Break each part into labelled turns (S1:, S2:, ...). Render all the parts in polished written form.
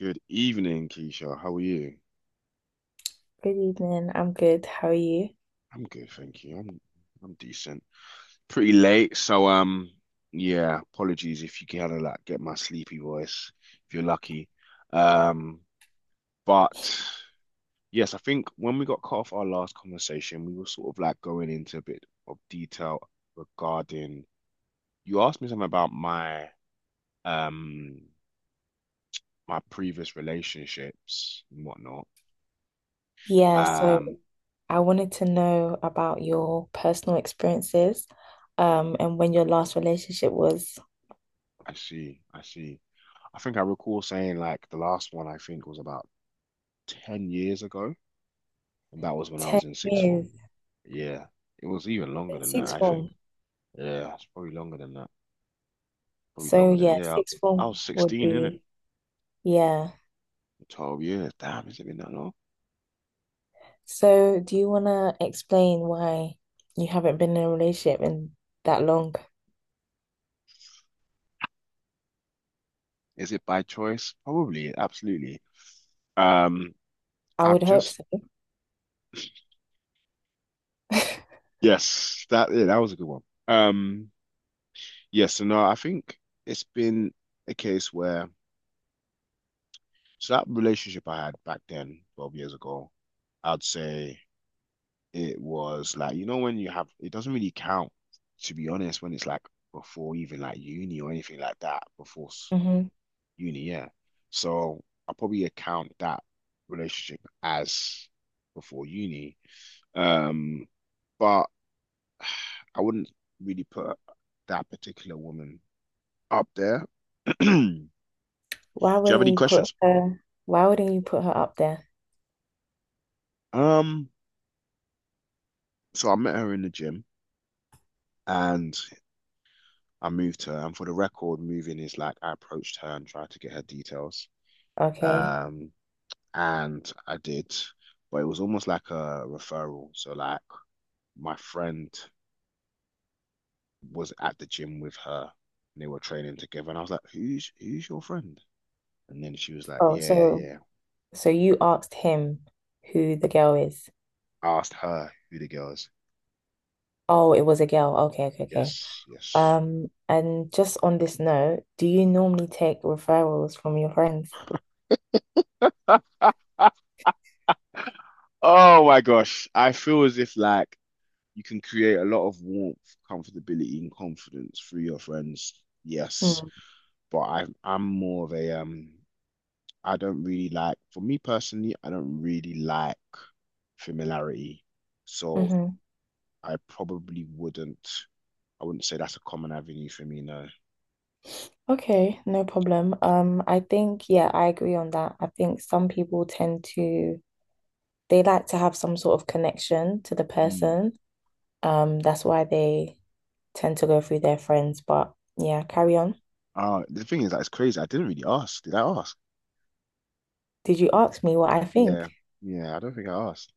S1: Good evening, Keisha. How are you?
S2: Good evening. I'm good. How are you?
S1: I'm good, thank you. I'm decent. Pretty late, so yeah, apologies if you kind of like get my sleepy voice if you're lucky. Um but yes, I think when we got cut off our last conversation, we were sort of like going into a bit of detail regarding you asked me something about um my previous relationships and whatnot.
S2: Yeah, so
S1: Um
S2: I wanted to know about your personal experiences, and when your last relationship was
S1: I see, I see. I think I recall saying like the last one I think was about 10 years ago, and that was when I
S2: 10
S1: was in sixth form.
S2: years
S1: Yeah, it was even longer
S2: in
S1: than that,
S2: sixth
S1: I think.
S2: form.
S1: Yeah, it's probably longer than that. Probably
S2: So
S1: longer than that.
S2: yeah,
S1: Yeah,
S2: sixth
S1: I was
S2: form would
S1: 16, innit?
S2: be, yeah.
S1: 12 years. Damn, has it been that long?
S2: So do you wanna explain why you haven't been in a relationship in that long?
S1: Is it by choice? Probably, absolutely. Um,
S2: I
S1: I've
S2: would hope
S1: just
S2: so.
S1: Yes, that was a good one. Um, yes, so no, I think it's been a case where so that relationship I had back then, 12 years ago, I'd say it was like, you know, when you have, it doesn't really count, to be honest, when it's like before even like uni or anything like that. Before
S2: Hmm.
S1: uni, yeah. So I probably account that relationship as before uni, um but I wouldn't really put that particular woman up there. Do you have any questions?
S2: Why wouldn't you put her up there?
S1: um so I met her in the gym, and I moved her, and for the record, moving is like I approached her and tried to get her details,
S2: Okay.
S1: um, and I did, but it was almost like a referral. So like, my friend was at the gym with her, and they were training together, and I was like, "Who's your friend?" And then she was like,
S2: Oh,
S1: "Yeah, yeah,
S2: so
S1: yeah."
S2: so you asked him who the girl is.
S1: I asked her who the girl is.
S2: Oh, it was a girl. Okay, okay, okay.
S1: Yes, yes.
S2: And just on this note, do you normally take referrals from your friends?
S1: Oh my gosh, I feel as if like you can create a lot of warmth, comfortability, and confidence through your friends. Yes,
S2: Mm,
S1: but I'm more of a I don't really like for me personally, I don't really like familiarity. So
S2: hmm.
S1: I probably wouldn't, I wouldn't say that's a common avenue for me, no.
S2: Okay, no problem. I think, yeah, I agree on that. I think some people tend to, they like to have some sort of connection to the
S1: Hmm.
S2: person. That's why they tend to go through their friends. But yeah, carry on.
S1: The thing is that it's crazy. I didn't really ask. Did I ask?
S2: Did you ask me what I think?
S1: Yeah. Yeah, I don't think I asked.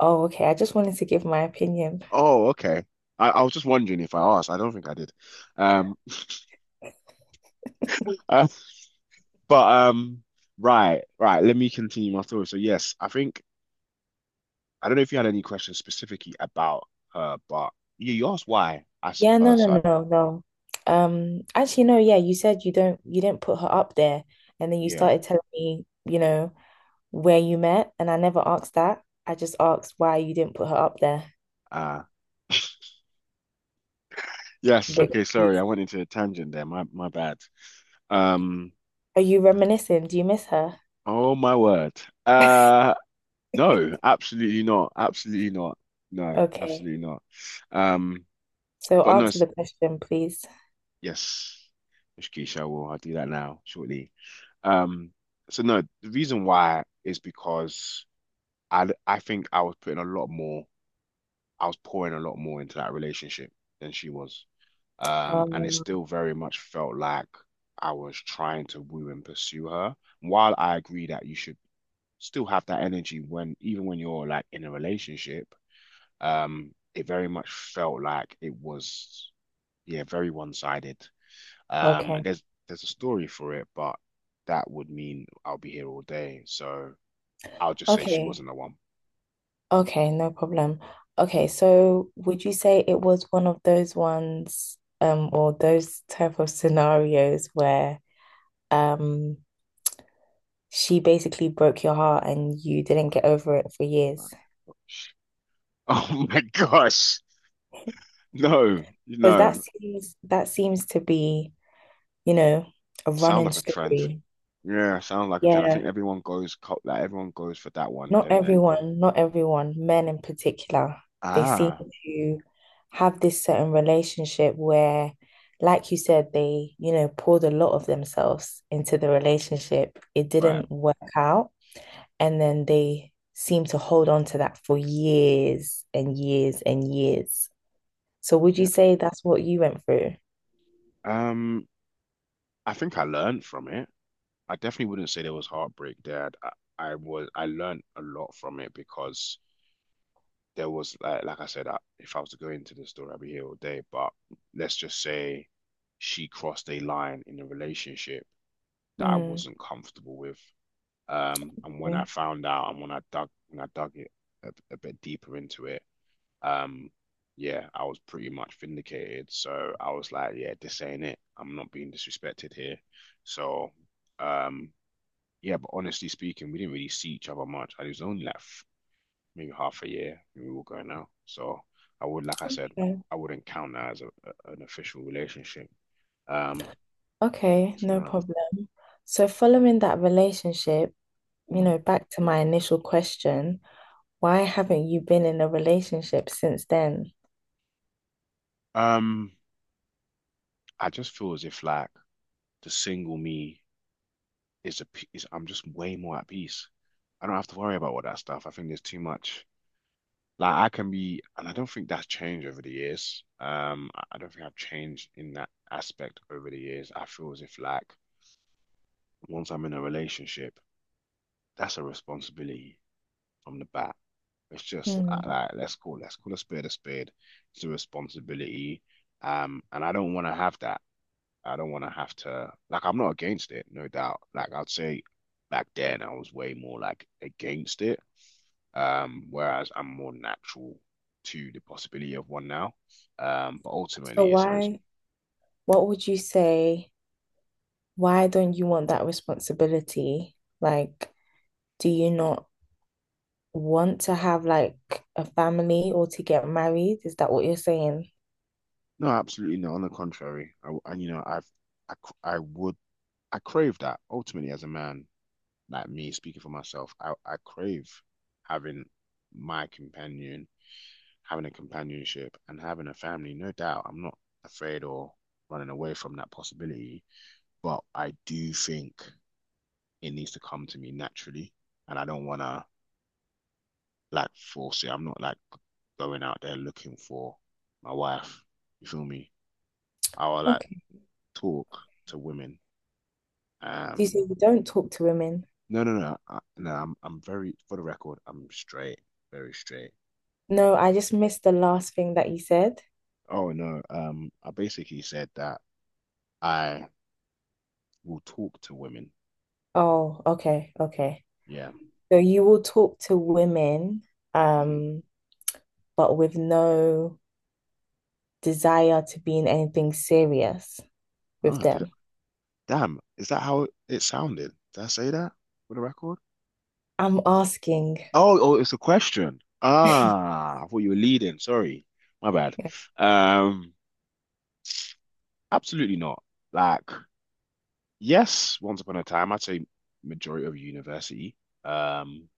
S2: Oh, okay. I just wanted to give my opinion.
S1: Oh, okay. I was just wondering if I asked. I don't think I did. Um, uh, but right, right. Let me continue my thought. So yes, I think I don't know if you had any questions specifically about her, but yeah, you asked why. I s-
S2: Yeah, no, no,
S1: so I-
S2: no, no. Yeah, you said you didn't put her up there, and then you
S1: Yeah.
S2: started telling me, you know, where you met, and I never asked that. I just asked why you didn't put her up there.
S1: Uh
S2: A
S1: Yes.
S2: bit
S1: Okay. Sorry, I
S2: confused.
S1: went into a tangent there. My bad. Um.
S2: Are you reminiscing? Do you miss her?
S1: Oh my word. Uh. No. Absolutely not. Absolutely not. No.
S2: Okay.
S1: Absolutely not. Um.
S2: So
S1: But no.
S2: answer the question, please.
S1: Yes. Ishkeisha, I will. I'll do that now shortly. Um. So no. The reason why is because I think I was putting a lot more. I was pouring a lot more into that relationship than she was. And it
S2: Um,
S1: still very much felt like I was trying to woo and pursue her. While I agree that you should still have that energy, even when you're like in a relationship, it very much felt like it was, yeah, very one-sided. And
S2: okay.
S1: there's a story for it, but that would mean I'll be here all day. So I'll just say she
S2: Okay.
S1: wasn't the one.
S2: Okay, no problem. Okay, so would you say it was one of those ones, or those type of scenarios where um she basically broke your heart and you didn't get over it for years?
S1: Oh my gosh. No,
S2: Because
S1: no.
S2: that seems to be, you know, a
S1: Sound
S2: running
S1: like a trend.
S2: story.
S1: Yeah, sounds like a trend. I think
S2: Yeah,
S1: everyone goes co- like everyone goes for that one, don't they?
S2: not everyone, men in particular, they seem
S1: Ah,
S2: to have this certain relationship where, like you said, they, you know, poured a lot of themselves into the relationship. It
S1: right.
S2: didn't work out. And then they seem to hold on to that for years and years and years. So would you
S1: Yeah.
S2: say that's what you went through?
S1: Um, I think I learned from it. I definitely wouldn't say there was heartbreak there. I learned a lot from it because there was like, I said, if I was to go into the story, I'd be here all day. But let's just say she crossed a line in a relationship that I
S2: Mm,
S1: wasn't comfortable with. And when I
S2: okay.
S1: found out, and when I dug it a bit deeper into it. Um, yeah, I was pretty much vindicated. So I was like, yeah, this ain't it. I'm not being disrespected here. So, um, yeah, but honestly speaking, we didn't really see each other much. And it was only like maybe half a year we were going out. So like I said,
S2: Okay,
S1: I wouldn't count that as an official relationship. Um,
S2: Okay.
S1: so, you
S2: no
S1: know,
S2: problem. So following that relationship, you
S1: mm.
S2: know, back to my initial question, why haven't you been in a relationship since then?
S1: Um, I just feel as if like the single me is I'm just way more at peace. I don't have to worry about all that stuff. I think there's too much. Like, I can be, and I don't think that's changed over the years. I don't think I've changed in that aspect over the years. I feel as if like once I'm in a relationship, that's a responsibility from the bat. It's just
S2: Mm.
S1: like, let's call a spade a spade. It's a responsibility. And I don't want to have that. I don't want to have to. Like, I'm not against it, no doubt. Like, I'd say back then I was way more like against it. Whereas I'm more natural to the possibility of one now. But
S2: So
S1: ultimately, it's a res
S2: what would you say? Why don't you want that responsibility? Like, do you not want to have like a family or to get married? Is that what you're saying?
S1: no, absolutely not. On the contrary, I, and you know I've I, I would I crave that ultimately. As a man, like me speaking for myself, I crave having my companion having a companionship and having a family, no doubt. I'm not afraid or running away from that possibility, but I do think it needs to come to me naturally. And I don't want to like force it. I'm not like going out there looking for my wife. You feel me? I will like
S2: Okay.
S1: talk to women.
S2: You say
S1: Um,
S2: you don't talk to women.
S1: no, no, no, no. I'm very, for the record, I'm straight, very straight.
S2: No, I just missed the last thing that you said.
S1: Oh no, I basically said that I will talk to women.
S2: Oh, okay, okay.
S1: Yeah.
S2: So you will talk to women,
S1: Mm-hmm.
S2: um, but with no desire to be in anything serious with
S1: Oh, did
S2: them.
S1: Damn, is that how it sounded? Did I say that for the record?
S2: I'm asking.
S1: Oh, oh, it's a question. Ah, I thought you were leading. Sorry, my bad. Um, Absolutely not. Like, yes, once upon a time, I'd say majority of university. Um,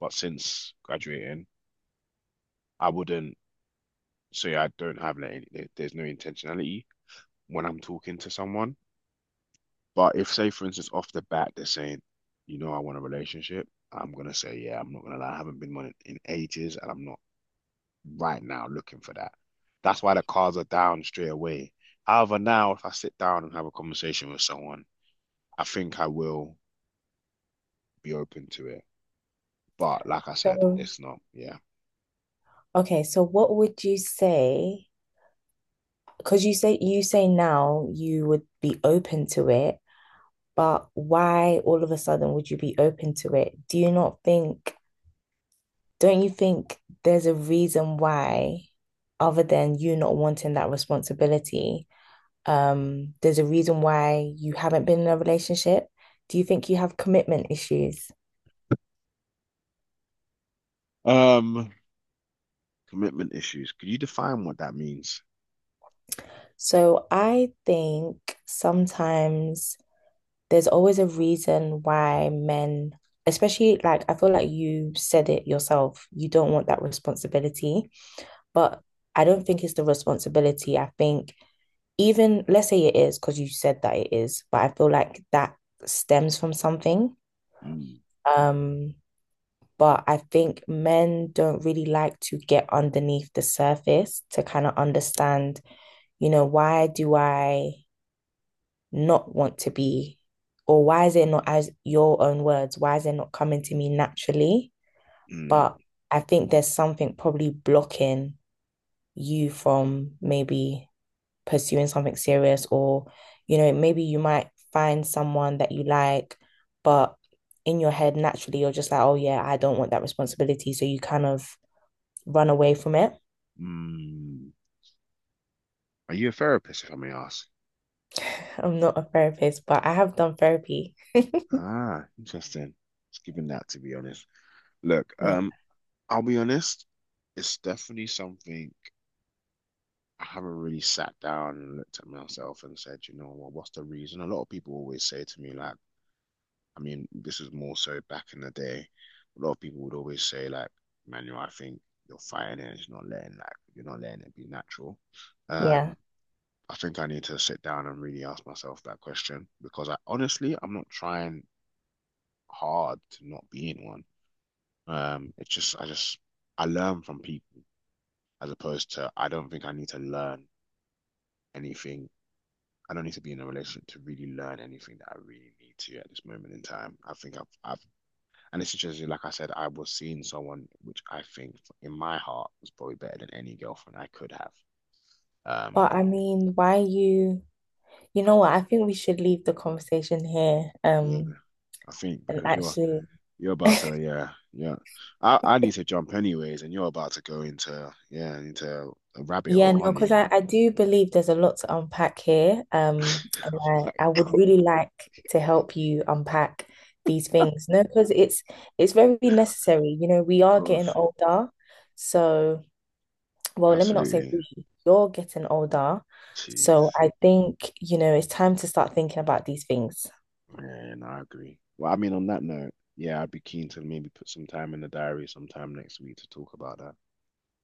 S1: but since graduating, I wouldn't say I don't have like any. There's no intentionality when I'm talking to someone. But if, say, for instance, off the bat, they're saying, you know, I want a relationship, I'm gonna say, yeah, I'm not gonna lie, I haven't been one in ages, and I'm not right now looking for that. That's why the cards are down straight away. However, now if I sit down and have a conversation with someone, I think I will be open to it. But like I said,
S2: So,
S1: it's not, yeah.
S2: okay, so what would you say? Because you say now you would be open to it, but why all of a sudden would you be open to it? Do you not think, Don't you think there's a reason why, other than you not wanting that responsibility, there's a reason why you haven't been in a relationship? Do you think you have commitment issues?
S1: Um, Commitment issues. Could you define what that means?
S2: So I think sometimes there's always a reason why men, especially like I feel like you said it yourself, you don't want that responsibility, but I don't think it's the responsibility. I think even let's say it is because you said that it is, but I feel like that stems from something.
S1: Mm,
S2: Um, but I think men don't really like to get underneath the surface to kind of understand, you know, why do I not want to be? Or why is it not, as your own words, why is it not coming to me naturally?
S1: mm,
S2: But I think there's something probably blocking you from maybe pursuing something serious, or, you know, maybe you might find someone that you like, but in your head, naturally, you're just like, oh, yeah, I don't want that responsibility. So you kind of run away from it.
S1: mm. Are you a therapist, if I may ask?
S2: I'm not a therapist, but I have done therapy.
S1: Ah, interesting. Just giving that, to be honest. Look,
S2: Yeah.
S1: I'll be honest, it's definitely something I haven't really sat down and looked at myself and said, you know what, what's the reason? A lot of people always say to me, like, I mean, this is more so back in the day. A lot of people would always say, like, Manuel, I think you're fighting it, it's not letting like, you're not letting it be natural.
S2: Yeah.
S1: Um, I think I need to sit down and really ask myself that question because I, honestly, I'm not trying hard to not be in one. It's just I learn from people as opposed to I don't think I need to learn anything. I don't need to be in a relationship to really learn anything that I really need to at this moment in time. I think I've and it's just like I said, I was seeing someone which I think in my heart was probably better than any girlfriend I could have. Um,
S2: But I mean, why are you You know what? I think we should leave the conversation here.
S1: yeah, I think
S2: And
S1: because you're
S2: actually,
S1: you're about to, yeah, yeah, I need to jump anyways, and you're about to go into a rabbit
S2: yeah,
S1: hole,
S2: no,
S1: aren't you?
S2: because I do believe there's a lot to unpack here. And I
S1: Like,
S2: would really like to help you unpack these things. No, because it's very necessary. You know, we
S1: of
S2: are getting
S1: course,
S2: older. So, well, let me not say
S1: absolutely,
S2: we, you're getting older.
S1: jeez.
S2: So I think, you know, it's time to start thinking about these things.
S1: Man, I agree. Well, I mean, on that note, yeah, I'd be keen to maybe put some time in the diary sometime next week to talk about that.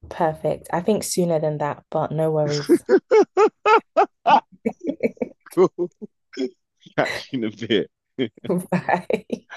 S2: Perfect. I think sooner than that, but no worries.
S1: Cool. Catch you in a bit.
S2: Bye.